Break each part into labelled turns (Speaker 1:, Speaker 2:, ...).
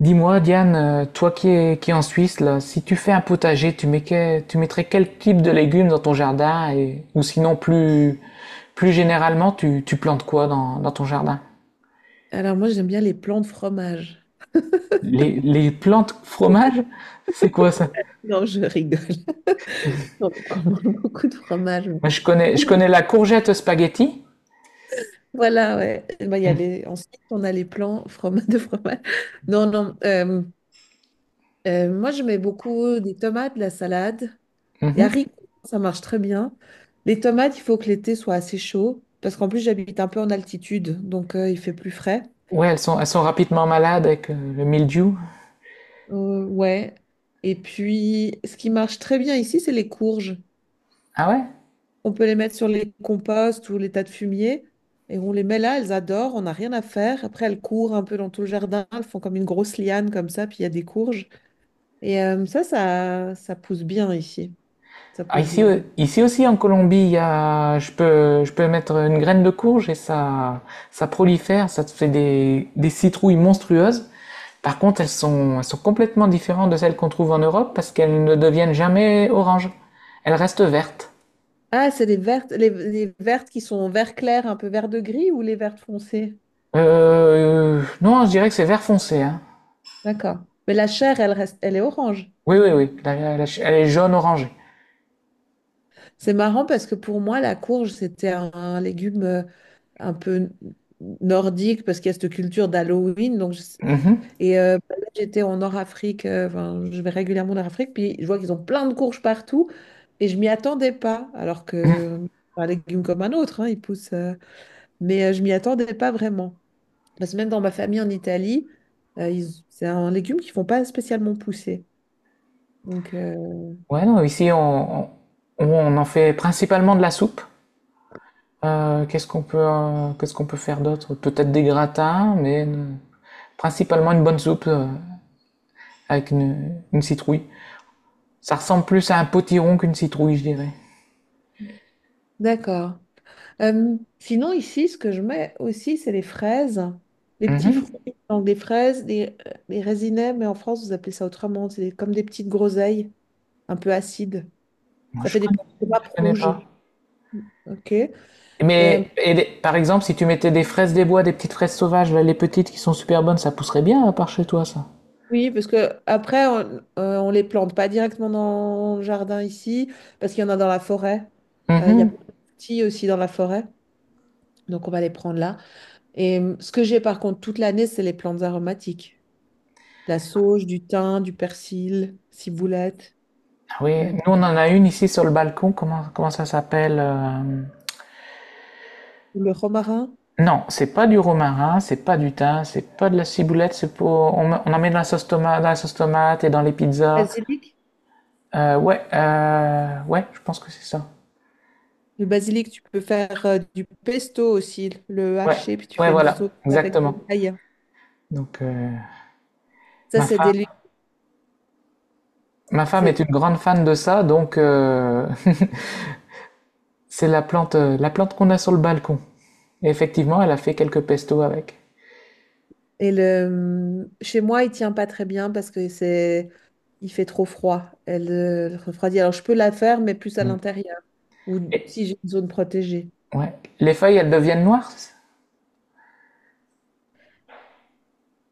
Speaker 1: Dis-moi, Diane, toi qui es en Suisse, là, si tu fais un potager, tu mettrais quel type de légumes dans ton jardin ou sinon plus généralement, tu plantes quoi dans ton jardin?
Speaker 2: Alors moi j'aime bien les plans de fromage.
Speaker 1: Les plantes fromage? C'est quoi ça?
Speaker 2: Non, je rigole. On mange beaucoup de fromage.
Speaker 1: Moi, je connais la courgette spaghetti.
Speaker 2: Voilà, ouais. Eh ben, il y a les... Ensuite, on a les de fromage. Non, non. Moi, je mets beaucoup des tomates, de la salade, des
Speaker 1: Mhm.
Speaker 2: haricots, ça marche très bien. Les tomates, il faut que l'été soit assez chaud, parce qu'en plus, j'habite un peu en altitude, donc il fait plus frais.
Speaker 1: Ouais, elles sont rapidement malades avec le mildiou.
Speaker 2: Ouais. Et puis, ce qui marche très bien ici, c'est les courges.
Speaker 1: Ah ouais?
Speaker 2: On peut les mettre sur les composts ou les tas de fumier. Et on les met là, elles adorent, on n'a rien à faire. Après, elles courent un peu dans tout le jardin, elles font comme une grosse liane comme ça, puis il y a des courges. Et ça pousse bien ici. Ça
Speaker 1: Ah,
Speaker 2: pousse
Speaker 1: ici,
Speaker 2: bien.
Speaker 1: ici aussi en Colombie, il y a, je peux mettre une graine de courge et ça prolifère, ça te fait des citrouilles monstrueuses. Par contre, elles sont complètement différentes de celles qu'on trouve en Europe parce qu'elles ne deviennent jamais oranges. Elles restent vertes.
Speaker 2: Ah, c'est les vertes, les vertes qui sont vert clair, un peu vert de gris ou les vertes foncées?
Speaker 1: Non, je dirais que c'est vert foncé, hein.
Speaker 2: D'accord. Mais la chair, elle reste, elle est orange
Speaker 1: Oui, oui,
Speaker 2: dedans.
Speaker 1: oui. Elle est jaune orangée.
Speaker 2: C'est marrant parce que pour moi, la courge, c'était un légume un peu nordique parce qu'il y a cette culture d'Halloween.
Speaker 1: Mhm.
Speaker 2: Et bah, là, enfin, je vais régulièrement en Nord-Afrique, puis je vois qu'ils ont plein de courges partout, et je m'y attendais pas, alors que c'est un légume comme un autre, hein, il pousse, mais je m'y attendais pas vraiment. Parce que même dans ma famille en Italie, c'est un légume qu'ils font pas spécialement pousser. Donc, euh,
Speaker 1: Ouais, non, ici on en fait principalement de la soupe. Qu'est-ce qu'on peut faire d'autre? Peut-être des gratins, mais principalement une bonne soupe avec une citrouille. Ça ressemble plus à un potiron qu'une citrouille, je dirais.
Speaker 2: d'accord. Sinon, ici, ce que je mets aussi, c'est les fraises, les petits
Speaker 1: Mhm.
Speaker 2: fruits, donc des fraises, des résinets, mais en France, vous appelez ça autrement, c'est comme des petites groseilles, un peu acides.
Speaker 1: Moi,
Speaker 2: Ça
Speaker 1: je
Speaker 2: fait des
Speaker 1: connais,
Speaker 2: petites
Speaker 1: je
Speaker 2: grappes
Speaker 1: connais
Speaker 2: rouges.
Speaker 1: pas.
Speaker 2: OK. Euh,
Speaker 1: Mais par exemple, si tu mettais des fraises des bois, des petites fraises sauvages, là, les petites qui sont super bonnes, ça pousserait bien à part chez toi, ça.
Speaker 2: oui, parce que après, on les plante pas directement dans le jardin ici, parce qu'il y en a dans la forêt. Il y a plein
Speaker 1: Mhm.
Speaker 2: de petits aussi dans la forêt. Donc on va les prendre là. Et ce que j'ai par contre toute l'année, c'est les plantes aromatiques. La sauge, du thym, du persil, ciboulette,
Speaker 1: Ah oui,
Speaker 2: euh,
Speaker 1: nous on en a une ici sur le balcon. Comment ça s'appelle?
Speaker 2: le romarin.
Speaker 1: Non, c'est pas du romarin, c'est pas du thym, c'est pas de la ciboulette, c'est pour... On en met dans la sauce tomate, dans la sauce tomate et dans les pizzas.
Speaker 2: Basilic.
Speaker 1: Ouais, je pense que c'est ça.
Speaker 2: Le basilic, tu peux faire du pesto aussi, le
Speaker 1: Ouais,
Speaker 2: haché, puis tu
Speaker 1: ouais,
Speaker 2: fais une
Speaker 1: voilà,
Speaker 2: sauce avec de
Speaker 1: exactement.
Speaker 2: l'ail.
Speaker 1: Donc, euh,
Speaker 2: Ça,
Speaker 1: ma
Speaker 2: c'est
Speaker 1: femme,
Speaker 2: délicieux.
Speaker 1: Ma femme est une grande fan de ça, donc c'est la plante, la plante qu'on a sur le balcon. Et effectivement, elle a fait quelques pestos avec.
Speaker 2: Et le, chez moi, il tient pas très bien parce que c'est, il fait trop froid. Elle elle refroidit. Alors, je peux la faire, mais plus à
Speaker 1: Mm.
Speaker 2: l'intérieur ou
Speaker 1: Et,
Speaker 2: si j'ai une zone protégée.
Speaker 1: ouais. Les feuilles, elles deviennent noires? C'est ça?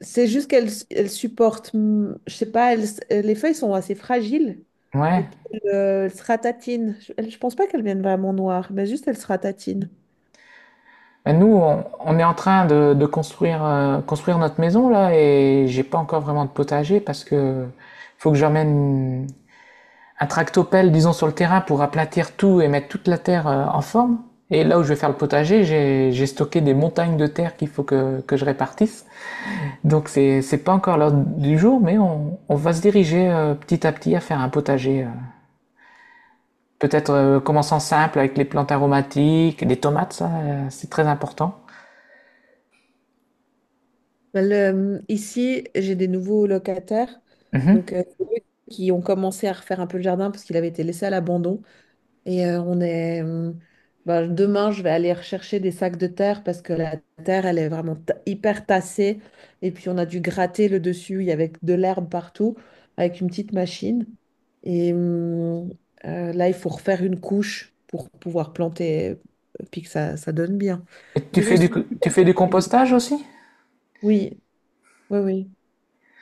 Speaker 2: C'est juste qu'elle elle supporte, je sais pas, les feuilles sont assez fragiles et
Speaker 1: Ouais.
Speaker 2: puis elle, elle se ratatine. Je pense pas qu'elle vienne vraiment noire, mais juste elle se ratatine.
Speaker 1: Ben, nous, on est en train de construire notre maison là et j'ai pas encore vraiment de potager parce que faut que j'emmène un tractopelle, disons, sur le terrain pour aplatir tout et mettre toute la terre en forme. Et là où je vais faire le potager, j'ai stocké des montagnes de terre qu'il faut que je répartisse. Donc c'est pas encore l'heure du jour, mais on va se diriger petit à petit à faire un potager. Peut-être commençant simple avec les plantes aromatiques, les tomates, ça c'est très important.
Speaker 2: Ici, j'ai des nouveaux locataires, donc
Speaker 1: Mhm.
Speaker 2: c'est eux qui ont commencé à refaire un peu le jardin parce qu'il avait été laissé à l'abandon. Et on est. Bah, demain, je vais aller rechercher des sacs de terre parce que la terre, elle est vraiment ta- hyper tassée. Et puis, on a dû gratter le dessus. Il y avait de l'herbe partout avec une petite machine. Et là, il faut refaire une couche pour pouvoir planter et puis que ça donne bien.
Speaker 1: Et
Speaker 2: Parce que ils sont super
Speaker 1: tu fais du
Speaker 2: cultivés.
Speaker 1: compostage aussi?
Speaker 2: Oui, oui, oui.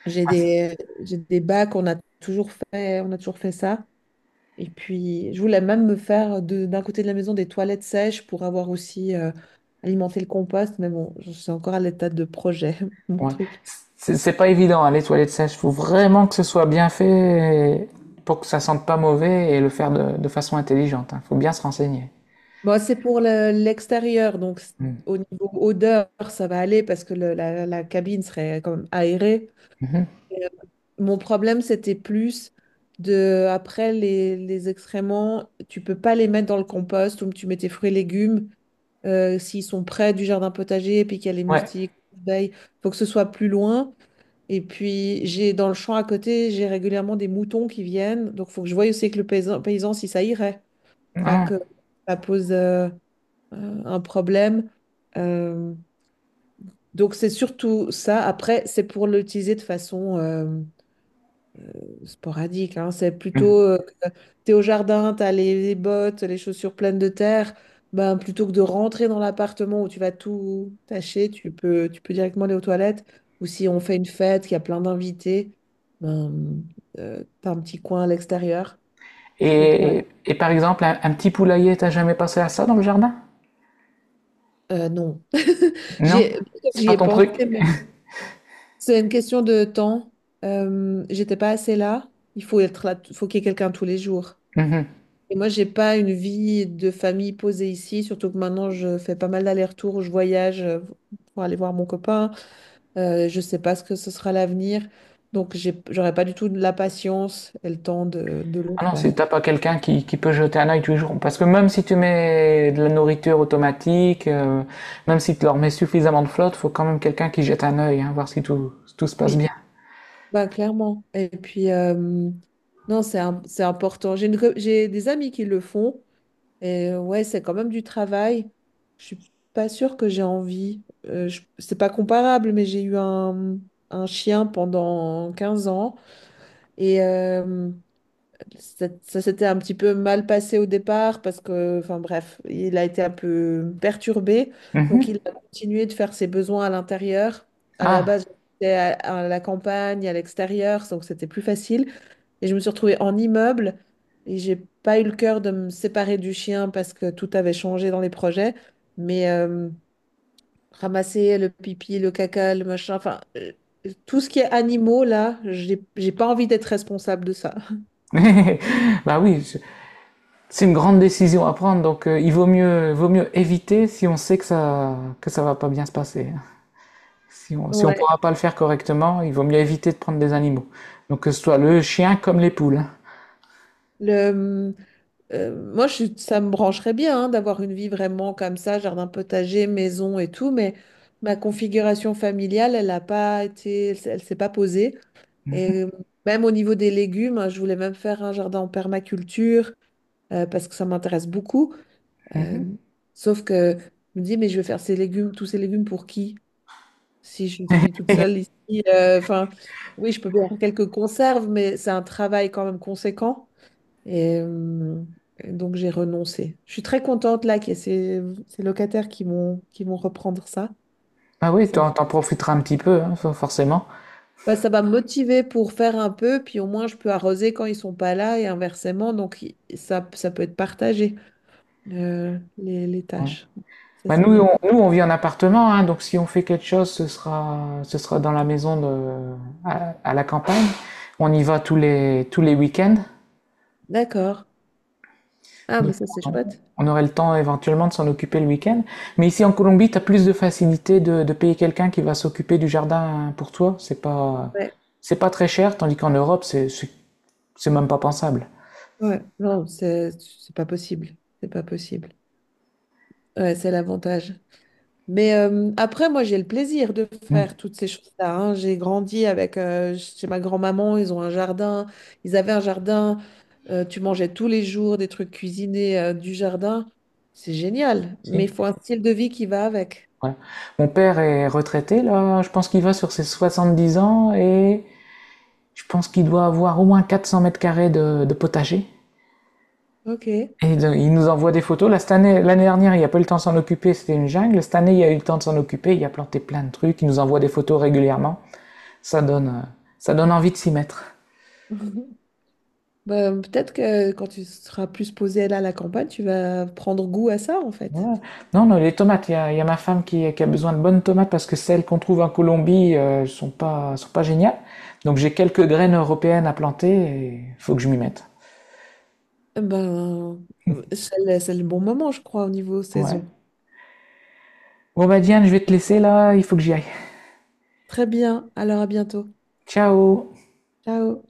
Speaker 2: J'ai des bacs, on a toujours fait ça. Et puis, je voulais même me faire d'un côté de la maison des toilettes sèches pour avoir aussi alimenté le compost. Mais bon, je suis encore à l'état de projet, mon
Speaker 1: Ouais.
Speaker 2: truc.
Speaker 1: C'est pas évident, hein, les toilettes sèches. Faut vraiment que ce soit bien fait pour que ça sente pas mauvais et le faire de façon intelligente. Hein. Faut bien se renseigner.
Speaker 2: C'est pour l'extérieur,
Speaker 1: Mm.
Speaker 2: au niveau odeur, ça va aller parce que la, la cabine serait quand même aérée.
Speaker 1: Mhm.
Speaker 2: Et, mon problème, c'était plus de, après les excréments, tu peux pas les mettre dans le compost où tu mets tes fruits et légumes s'ils sont près du jardin potager et puis qu'il y a les
Speaker 1: Ouais.
Speaker 2: moustiques, les abeilles, faut que ce soit plus loin. Et puis, j'ai dans le champ à côté, j'ai régulièrement des moutons qui viennent. Donc, il faut que je voie aussi avec paysan si ça irait. Pas
Speaker 1: Ah.
Speaker 2: que ça pose un problème. Euh, donc, c'est surtout ça. Après, c'est pour l'utiliser de façon sporadique, hein. C'est plutôt,
Speaker 1: Mm.
Speaker 2: tu es au jardin, t'as les bottes, les chaussures pleines de terre, ben, plutôt que de rentrer dans l'appartement où tu vas tout tâcher, tu peux directement aller aux toilettes. Ou si on fait une fête, qu'il y a plein d'invités, ben, t'as un petit coin à l'extérieur. Je trouve ça
Speaker 1: Et, et,
Speaker 2: agréable.
Speaker 1: et par exemple, un petit poulailler, t'as jamais pensé à ça dans le jardin?
Speaker 2: Non, j'y
Speaker 1: Non?
Speaker 2: ai,
Speaker 1: C'est
Speaker 2: j'y
Speaker 1: pas
Speaker 2: ai
Speaker 1: ton truc?
Speaker 2: pensé. C'est une question de temps. J'étais pas assez là. Il faut être là, faut qu'il y ait quelqu'un tous les jours.
Speaker 1: Mhm.
Speaker 2: Et moi, j'ai pas une vie de famille posée ici, surtout que maintenant, je fais pas mal d'allers-retours, je voyage pour aller voir mon copain. Je sais pas ce que ce sera l'avenir, donc j'aurais pas du tout de la patience et le temps de le
Speaker 1: Ah non,
Speaker 2: faire.
Speaker 1: si t'as pas quelqu'un qui peut jeter un œil tous les jours, parce que même si tu mets de la nourriture automatique, même si tu leur mets suffisamment de flotte, faut quand même quelqu'un qui jette un œil, hein, voir si tout se passe bien.
Speaker 2: Oui, bah clairement. Et puis, non, c'est important. J'ai des amis qui le font, et ouais, c'est quand même du travail. Je suis pas sûre que j'ai envie. C'est pas comparable, mais j'ai eu un chien pendant 15 ans. Et ça s'était un petit peu mal passé au départ parce que, enfin bref, il a été un peu perturbé. Donc
Speaker 1: Mhm.
Speaker 2: il a continué de faire ses besoins à l'intérieur. À la
Speaker 1: Ah,
Speaker 2: base, j'étais à, à la campagne, à l'extérieur, donc c'était plus facile. Et je me suis retrouvée en immeuble et j'ai pas eu le cœur de me séparer du chien parce que tout avait changé dans les projets. Mais ramasser le pipi, le caca, le machin, tout ce qui est animaux là, j'ai pas envie d'être responsable de ça.
Speaker 1: bah oui, c'est une grande décision à prendre, donc il vaut mieux éviter si on sait que ça va pas bien se passer. Hein. Si on, si on
Speaker 2: Ouais,
Speaker 1: pourra pas le faire correctement, il vaut mieux éviter de prendre des animaux. Donc que ce soit le chien comme les poules. Hein.
Speaker 2: le, hum, ça me brancherait bien hein, d'avoir une vie vraiment comme ça, jardin potager, maison et tout, mais ma configuration familiale, elle n'a pas été, elle s'est pas posée. Et même au niveau des légumes, hein, je voulais même faire un jardin en permaculture parce que ça m'intéresse beaucoup. Euh, sauf que je me dis, mais je vais faire ces légumes, tous ces légumes pour qui? Si je suis toute seule ici, enfin, oui, je peux bien faire quelques conserves, mais c'est un travail quand même conséquent. Et, euh, et donc j'ai renoncé. Je suis très contente là qu'il y ait ces locataires qui vont reprendre ça.
Speaker 1: Ah oui,
Speaker 2: Ça, me-
Speaker 1: t'en profiteras un petit peu, hein, forcément.
Speaker 2: bah, ça va me motiver pour faire un peu, puis au moins je peux arroser quand ils sont pas là et inversement. Ça peut être partagé, les
Speaker 1: Ouais.
Speaker 2: tâches. Ça
Speaker 1: Bah,
Speaker 2: c'est bien.
Speaker 1: nous, on vit en appartement, hein, donc si on fait quelque chose, ce sera dans la maison à la campagne. On y va tous les week-ends,
Speaker 2: D'accord. Ah, mais
Speaker 1: donc
Speaker 2: ça c'est
Speaker 1: on
Speaker 2: chouette.
Speaker 1: on aurait le temps éventuellement de s'en occuper le week-end. Mais ici en Colombie, tu as plus de facilité de payer quelqu'un qui va s'occuper du jardin pour toi.
Speaker 2: Ouais.
Speaker 1: C'est pas très cher, tandis qu'en Europe, c'est même pas pensable.
Speaker 2: Ouais. Non, c'est pas possible. C'est pas possible. Ouais, c'est l'avantage. Mais après, moi, j'ai le plaisir de
Speaker 1: Hmm.
Speaker 2: faire toutes ces choses-là. Hein. J'ai grandi avec, chez ma grand-maman, ils avaient un jardin, tu mangeais tous les jours des trucs cuisinés, du jardin. C'est génial, mais
Speaker 1: Si.
Speaker 2: il faut un style de vie qui va avec.
Speaker 1: Voilà. Mon père est retraité, là, je pense qu'il va sur ses 70 ans. Et je pense qu'il doit avoir au moins 400 mètres carrés de potager.
Speaker 2: OK.
Speaker 1: Et donc, il nous envoie des photos. Là, cette année, l'année dernière, il n'y a pas eu le temps de s'en occuper, c'était une jungle. Cette année, il y a eu le temps de s'en occuper, il a planté plein de trucs, il nous envoie des photos régulièrement. Ça donne, euh, Ça donne envie de s'y mettre.
Speaker 2: Bah, peut-être que quand tu seras plus posé là à la campagne, tu vas prendre goût à ça, en fait.
Speaker 1: Ouais. Non, non, les tomates, y a ma femme qui a besoin de bonnes tomates parce que celles qu'on trouve en Colombie sont pas géniales. Donc j'ai quelques graines européennes à planter et faut que je m'y mette.
Speaker 2: Eh ben, c'est le bon moment, je crois, au niveau
Speaker 1: Ouais.
Speaker 2: saison.
Speaker 1: Bon bah Diane, je vais te laisser là, il faut que j'y aille.
Speaker 2: Très bien, alors à bientôt.
Speaker 1: Ciao
Speaker 2: Ciao.